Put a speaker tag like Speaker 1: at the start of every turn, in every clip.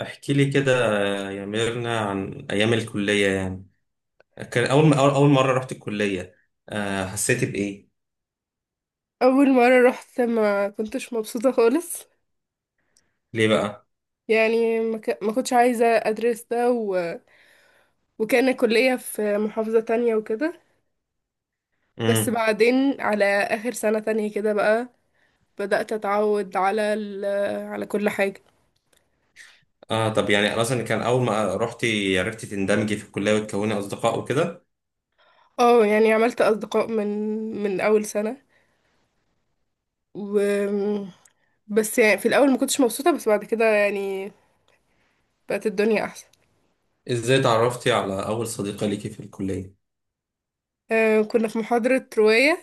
Speaker 1: احكي لي كده يا ميرنا عن ايام الكليه يعني. كان اول ما أول مره رحت الكليه، آه، حسيت بايه؟
Speaker 2: اول مره رحت ما كنتش مبسوطه خالص.
Speaker 1: ليه بقى؟
Speaker 2: يعني ما كنتش عايزه ادرس ده وكان الكليه في محافظه تانية وكده. بس
Speaker 1: امم.
Speaker 2: بعدين على اخر سنه تانية كده بقى بدات اتعود على كل حاجه.
Speaker 1: اه طب يعني اصلا كان اول ما رحتي عرفتي تندمجي في الكليه وتكوني اصدقاء وكده؟
Speaker 2: اه، يعني عملت اصدقاء من اول سنه، و بس يعني في الاول ما كنتش مبسوطه، بس بعد كده يعني بقت الدنيا احسن.
Speaker 1: ازاي تعرفتي على اول صديقه ليكي في الكليه؟
Speaker 2: آه، كنا في محاضره روايه،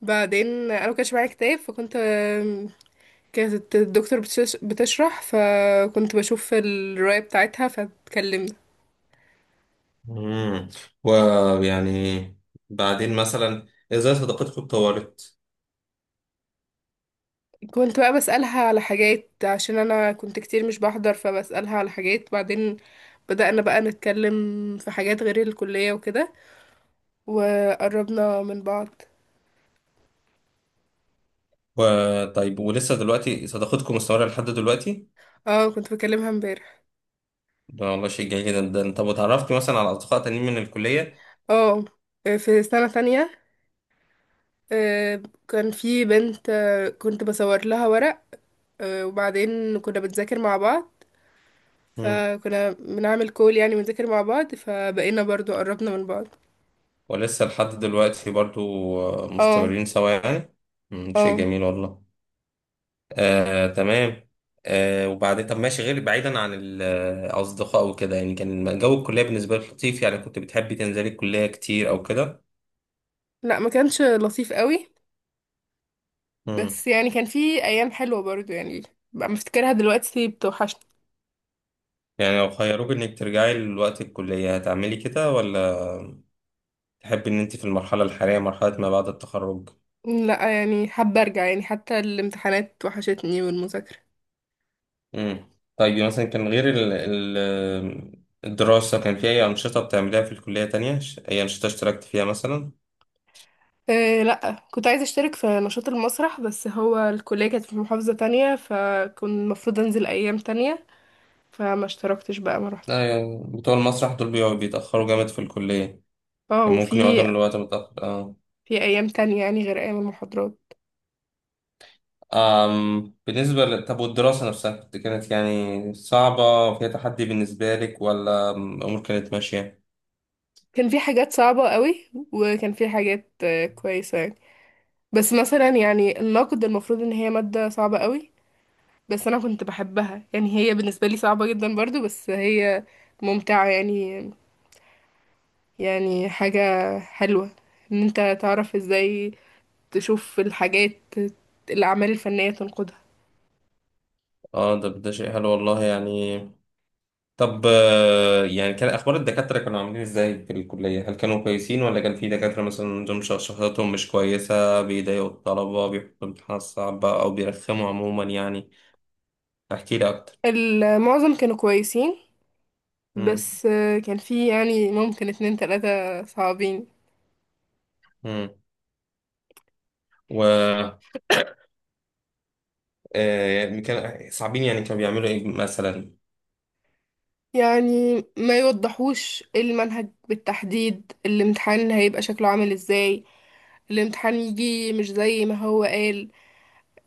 Speaker 2: بعدين انا ما كانش معايا كتاب، كانت الدكتور بتشرح فكنت بشوف الرواية بتاعتها فاتكلمنا.
Speaker 1: امم. ويعني بعدين مثلا ازاي صداقتكم اتطورت؟
Speaker 2: كنت بقى بسألها على حاجات عشان أنا كنت كتير مش بحضر، فبسألها على حاجات، بعدين بدأنا بقى نتكلم في حاجات غير الكلية وكده، وقربنا من بعض.
Speaker 1: وطيب، ولسه دلوقتي صداقتكم مستمره لحد دلوقتي؟
Speaker 2: اه، كنت بكلمها امبارح.
Speaker 1: ده والله شيء جميل جدا. ده انت اتعرفت مثلا على اصدقاء تانيين من الكليه؟
Speaker 2: اه، في سنة تانية، آه، كان في بنت، كنت بصور لها ورق، وبعدين كنا بنذاكر مع بعض، فكنا بنعمل كول يعني، ونذاكر مع بعض فبقينا برضو قربنا من بعض.
Speaker 1: ولسه لحد دلوقتي برضو؟ آه،
Speaker 2: اه،
Speaker 1: مستمرين سوا يعني. مم، شيء
Speaker 2: اه،
Speaker 1: جميل والله. آه تمام. آه وبعدين طب ماشي، غير بعيدا عن الأصدقاء وكده، يعني كان جو الكلية بالنسبة لك لطيف؟ يعني كنت بتحبي تنزلي الكلية كتير أو كده؟
Speaker 2: لا ما كانش لطيف قوي.
Speaker 1: مم.
Speaker 2: بس يعني كان في ايام حلوه برضو يعني، بقى مفتكرها دلوقتي بتوحشني.
Speaker 1: يعني لو خيروك إنك ترجعي لوقت الكلية هتعملي كده ولا تحبي إن أنت في المرحلة الحالية، مرحلة ما بعد التخرج؟
Speaker 2: لا، يعني حابه ارجع، يعني حتى الامتحانات وحشتني والمذاكره.
Speaker 1: امم. طيب مثلا كان غير الدراسة كان في أي أنشطة بتعمليها في الكلية تانية؟ أي أنشطة اشتركت فيها مثلا؟
Speaker 2: أه لا، كنت عايزه اشترك في نشاط المسرح، بس هو الكليه كانت في محافظه تانية فكنت المفروض انزل ايام تانية، فما اشتركتش بقى، ما روحتش.
Speaker 1: لا يعني بتوع المسرح دول بيتأخروا جامد في الكلية.
Speaker 2: اه،
Speaker 1: يعني ممكن يقعدوا للوقت متأخر، اه.
Speaker 2: في ايام تانية يعني غير ايام المحاضرات.
Speaker 1: بالنسبة طب والدراسة نفسها، كانت يعني صعبة، فيها تحدي بالنسبة لك، ولا الأمور كانت ماشية؟
Speaker 2: كان في حاجات صعبة قوي، وكان في حاجات كويسة يعني. بس مثلا يعني النقد المفروض ان هي مادة صعبة قوي، بس انا كنت بحبها يعني، هي بالنسبة لي صعبة جدا برضو بس هي ممتعة يعني. يعني حاجة حلوة ان انت تعرف ازاي تشوف الحاجات، الاعمال الفنية تنقدها.
Speaker 1: اه ده ده شيء حلو والله يعني. طب آه، يعني كان اخبار الدكاتره كانوا عاملين ازاي في الكليه؟ هل كانوا كويسين ولا كان في دكاتره مثلا دول شخصيتهم مش كويسه، بيضايقوا الطلبه، بيحطوا امتحانات صعبه او بيرخموا عموما يعني؟ احكي لي اكتر.
Speaker 2: المعظم كانوا كويسين.
Speaker 1: امم.
Speaker 2: بس كان في يعني ممكن اتنين تلاتة صعبين.
Speaker 1: امم. و آه، يعني كان صعبين، يعني كانوا بيعملوا ايه مثلا؟
Speaker 2: يعني ما يوضحوش المنهج بالتحديد، الامتحان هيبقى شكله عامل ازاي، الامتحان يجي مش زي ما هو قال،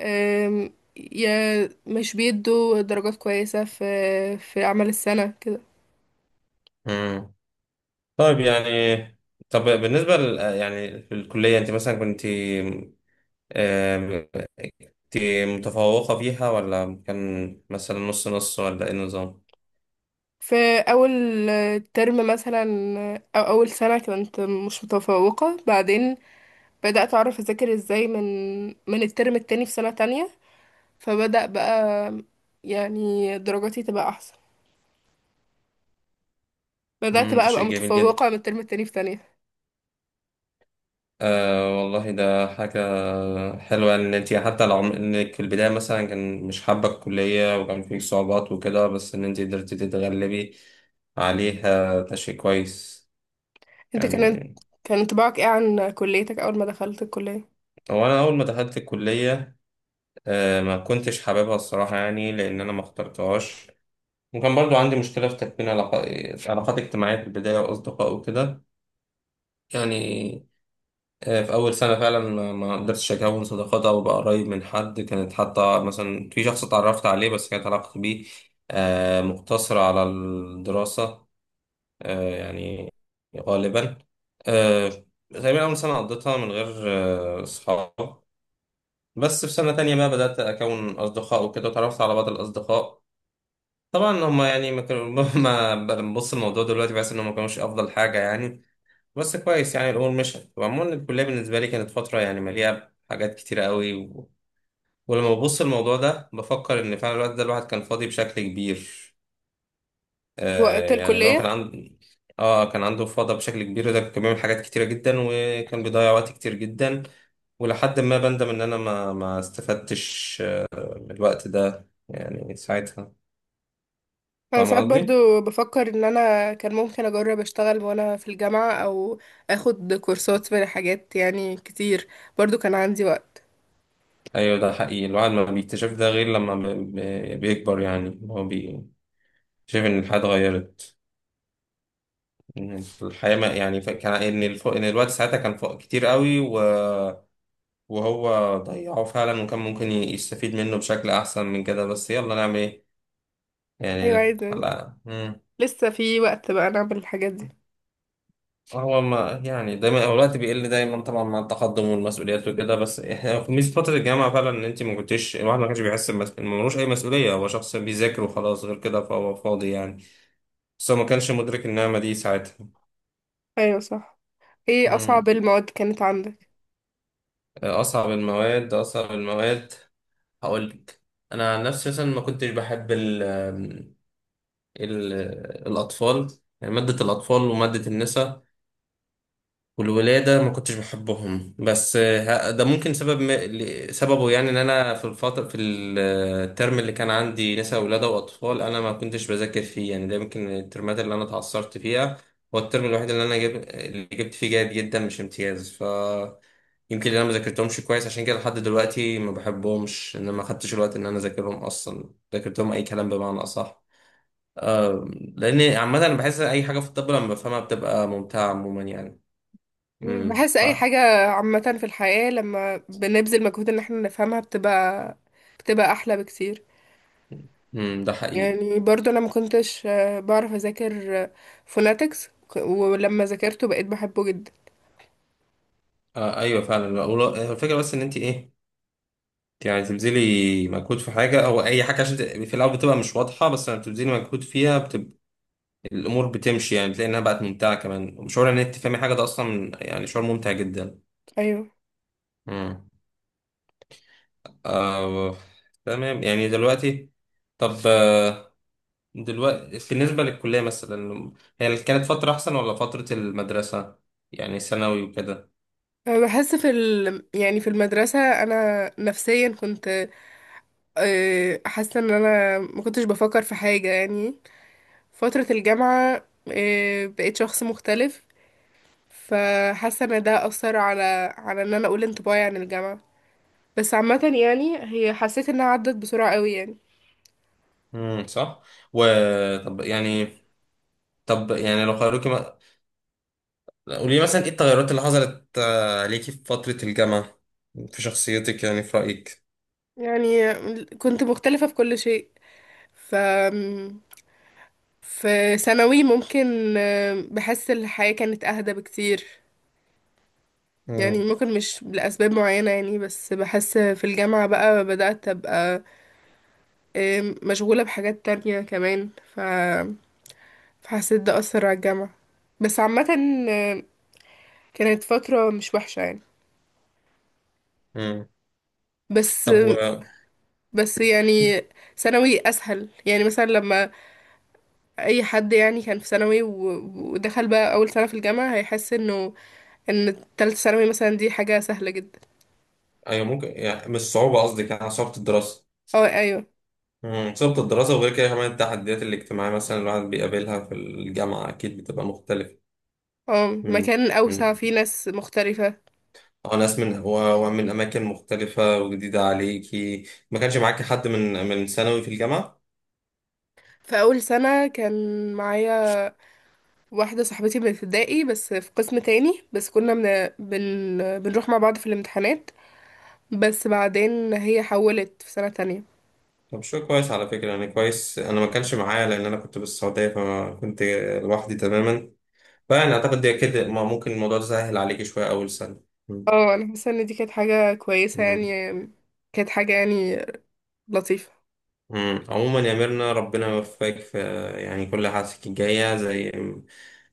Speaker 2: أم، يا مش بيدوا درجات كويسة في أعمال السنة كده.
Speaker 1: امم. طيب يعني طب بالنسبه يعني في الكليه انت مثلا كنت آه، كنت متفوقه فيها، ولا كان مثلا نص نص، ولا ايه النظام؟
Speaker 2: في أول ترم مثلا، أو أول سنة كنت مش متفوقة، بعدين بدأت أعرف أذاكر ازاي من الترم التاني في سنة تانية، فبدأ بقى يعني درجاتي تبقى أحسن، بدأت
Speaker 1: امم،
Speaker 2: بقى
Speaker 1: ده
Speaker 2: أبقى
Speaker 1: شيء جميل جدا.
Speaker 2: متفوقة من الترم التاني في تانية.
Speaker 1: آه والله ده حاجة حلوة إن أنت حتى لو إنك في البداية مثلا كان مش حابة الكلية وكان فيك صعوبات وكده، بس إن أنت قدرتي تتغلبي عليها، ده شيء كويس
Speaker 2: انت
Speaker 1: يعني.
Speaker 2: كان انطباعك ايه عن كليتك أول ما دخلت الكلية؟
Speaker 1: هو أنا أول ما دخلت الكلية آه ما كنتش حاببها الصراحة، يعني لأن أنا ما اخترتهاش، وكان برضو عندي مشكلة في تكوين علاقات اجتماعية في البداية وأصدقاء وكده يعني. آه، في أول سنة فعلا ما قدرتش أكون صداقات أو أبقى قريب من حد. كانت حتى مثلا في شخص اتعرفت عليه، بس كانت علاقتي بيه آه، مقتصرة على الدراسة. آه، يعني غالبا آه، تقريبا أول سنة قضيتها من غير آه، أصحاب. بس في سنة تانية بقى بدأت أكون أصدقاء وكده، وتعرفت على بعض الأصدقاء. طبعا هما يعني ما كانوا ما ببص الموضوع دلوقتي بحس إنهم ما كانوش أفضل حاجة يعني. بس كويس يعني الامور مشت، وعموما الكليه بالنسبه لي كانت فتره يعني مليئه بحاجات كتيره قوي و... ولما ببص الموضوع ده بفكر ان فعلا الوقت ده الواحد كان فاضي بشكل كبير. آه
Speaker 2: وقت
Speaker 1: يعني لو كان
Speaker 2: الكلية،
Speaker 1: عنده، اه كان عنده فضا بشكل كبير، ده كان بيعمل حاجات كتيره جدا وكان بيضيع وقت كتير جدا. ولحد ما بندم ان انا ما استفدتش آه، من الوقت ده يعني ساعتها.
Speaker 2: أنا
Speaker 1: فاهم
Speaker 2: ساعات
Speaker 1: قصدي؟
Speaker 2: برضو بفكر إن أنا كان ممكن أجرب أشتغل وأنا في الجامعة، أو أخد كورسات في حاجات يعني كتير، برضو كان عندي وقت.
Speaker 1: ايوه ده حقيقي. الواحد ما بيكتشف ده غير لما بيكبر، يعني هو بيكتشف ان الحياه اتغيرت. إن الحياة ما يعني كان إن إن الوقت ساعتها كان فوق كتير قوي و... وهو ضيعه فعلا، وكان ممكن يستفيد منه بشكل أحسن من كده، بس يلا نعمل إيه يعني.
Speaker 2: أيوة عايزة،
Speaker 1: لا مم.
Speaker 2: لسه في وقت بقى نعمل الحاجات دي.
Speaker 1: هو ما يعني دايما هو الوقت بيقل دايما طبعا مع التقدم والمسؤوليات وكده، بس ميزة فترة الجامعة فعلا إن أنت ما كنتش، الواحد ما كانش بيحس إن ملوش أي مسؤولية، هو شخص بيذاكر وخلاص غير كده، فهو فاضي يعني. بس هو ما كانش مدرك النعمة دي ساعتها.
Speaker 2: أيوة صح. ايه أصعب
Speaker 1: مم.
Speaker 2: المواد كانت عندك؟
Speaker 1: أصعب المواد هقول لك. انا عن نفسي مثلا ما كنتش بحب ال ال الاطفال يعني ماده الاطفال وماده النساء والولادة ما كنتش بحبهم. بس آه، ده ممكن سبب سببه يعني ان انا في الفترة في آه، الترم اللي كان عندي نساء ولادة واطفال انا ما كنتش بذاكر فيه يعني. ده يمكن الترمات اللي انا اتعثرت فيها. هو الترم الوحيد اللي انا اللي جبت فيه جيد جدا مش امتياز، ف يمكن انا ما ذاكرتهمش كويس عشان كده لحد دلوقتي ما بحبهمش، ان أنا ما خدتش الوقت ان انا اذاكرهم اصلا، ذاكرتهم اي كلام بمعنى اصح. لان عامة انا بحس اي حاجة في الطب لما بفهمها بتبقى ممتعة عموما يعني. امم.
Speaker 2: بحس أي حاجة عامة في الحياة لما بنبذل مجهود إن احنا نفهمها بتبقى أحلى بكتير.
Speaker 1: ده حقيقي.
Speaker 2: يعني برضو انا ما كنتش بعرف اذاكر فوناتكس، ولما ذاكرته بقيت بحبه جدا.
Speaker 1: آه ايوه فعلا والله، هو الفكره بس ان انت ايه، انت يعني تبذلي مجهود في حاجه او اي حاجه عشان في الاول بتبقى مش واضحه، بس لما بتبذلي مجهود فيها بتبقى الامور بتمشي، يعني بتلاقي انها بقت ممتعه كمان. وشعور ان انت تفهمي حاجه ده اصلا يعني شعور ممتع جدا.
Speaker 2: ايوه.
Speaker 1: امم. آه تمام. يعني دلوقتي طب آه، دلوقتي بالنسبه للكليه مثلا، هي كانت فتره احسن ولا فتره المدرسه، يعني ثانوي وكده؟
Speaker 2: أنا بحس يعني في المدرسة انا نفسيا كنت حاسة ان انا ما كنتش بفكر في حاجة يعني. فترة الجامعة بقيت شخص مختلف، فحاسة ان ده اثر على ان انا اقول انطباعي عن الجامعة. بس عامة يعني هي حسيت انها عدت بسرعة قوي يعني.
Speaker 1: صح. وطب يعني طب يعني لو خيروكي قولي مثلا ايه التغيرات اللي حصلت آه، عليكي في فترة الجامعة في شخصيتك يعني في رأيك؟
Speaker 2: يعني كنت مختلفة في كل شيء، ف في ثانوي ممكن بحس الحياة كانت أهدى بكتير يعني،
Speaker 1: مم.
Speaker 2: ممكن مش لأسباب معينة يعني. بس بحس في الجامعة بقى بدأت أبقى مشغولة بحاجات تانية كمان، فحسيت ده أثر على الجامعة. بس عامة آه، كانت فترة مش وحشة يعني.
Speaker 1: مم.
Speaker 2: بس
Speaker 1: طب و
Speaker 2: بس يعني ثانوي أسهل، يعني مثلا لما أي حد يعني كان في ثانوي ودخل بقى أول سنة في الجامعة هيحس إنه إن تالتة ثانوي مثلا دي حاجة سهلة جدا.
Speaker 1: ايوه ممكن، يعني مش صعوبة، قصدك يعني صعوبة الدراسة؟
Speaker 2: اه ايوه.
Speaker 1: مم. صعوبة الدراسة وغير كده كمان التحديات الاجتماعية مثلا الواحد بيقابلها في الجامعة أكيد بتبقى مختلفة.
Speaker 2: اه،
Speaker 1: مم.
Speaker 2: مكان أوسع فيه
Speaker 1: مم.
Speaker 2: ناس مختلفة.
Speaker 1: وناس ومن أماكن مختلفة وجديدة عليكي. ما كانش معاكي حد من ثانوي في الجامعة؟
Speaker 2: في أول سنة كان معايا واحدة صاحبتي من ابتدائي، بس في قسم تاني، بس كنا بنروح مع بعض في الامتحانات، بس بعدين هي حولت في سنة تانية.
Speaker 1: طب شو كويس على فكرة، يعني كويس. أنا ما كانش معايا، لأن أنا كنت في السعودية، فكنت لوحدي تماما. فأنا أعتقد ده كده ما ممكن الموضوع ده سهل عليك شوية أول سنة. مم.
Speaker 2: اه، أنا حاسة إن دي كانت حاجة كويسة يعني،
Speaker 1: مم.
Speaker 2: كانت حاجة يعني لطيفة.
Speaker 1: مم. عموما يا ميرنا ربنا يوفقك في يعني كل حاجتك الجاية زي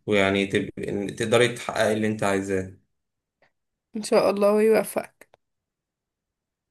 Speaker 1: ويعني تقدري تحققي اللي أنت عايزاه.
Speaker 2: إن شاء الله يوفقك.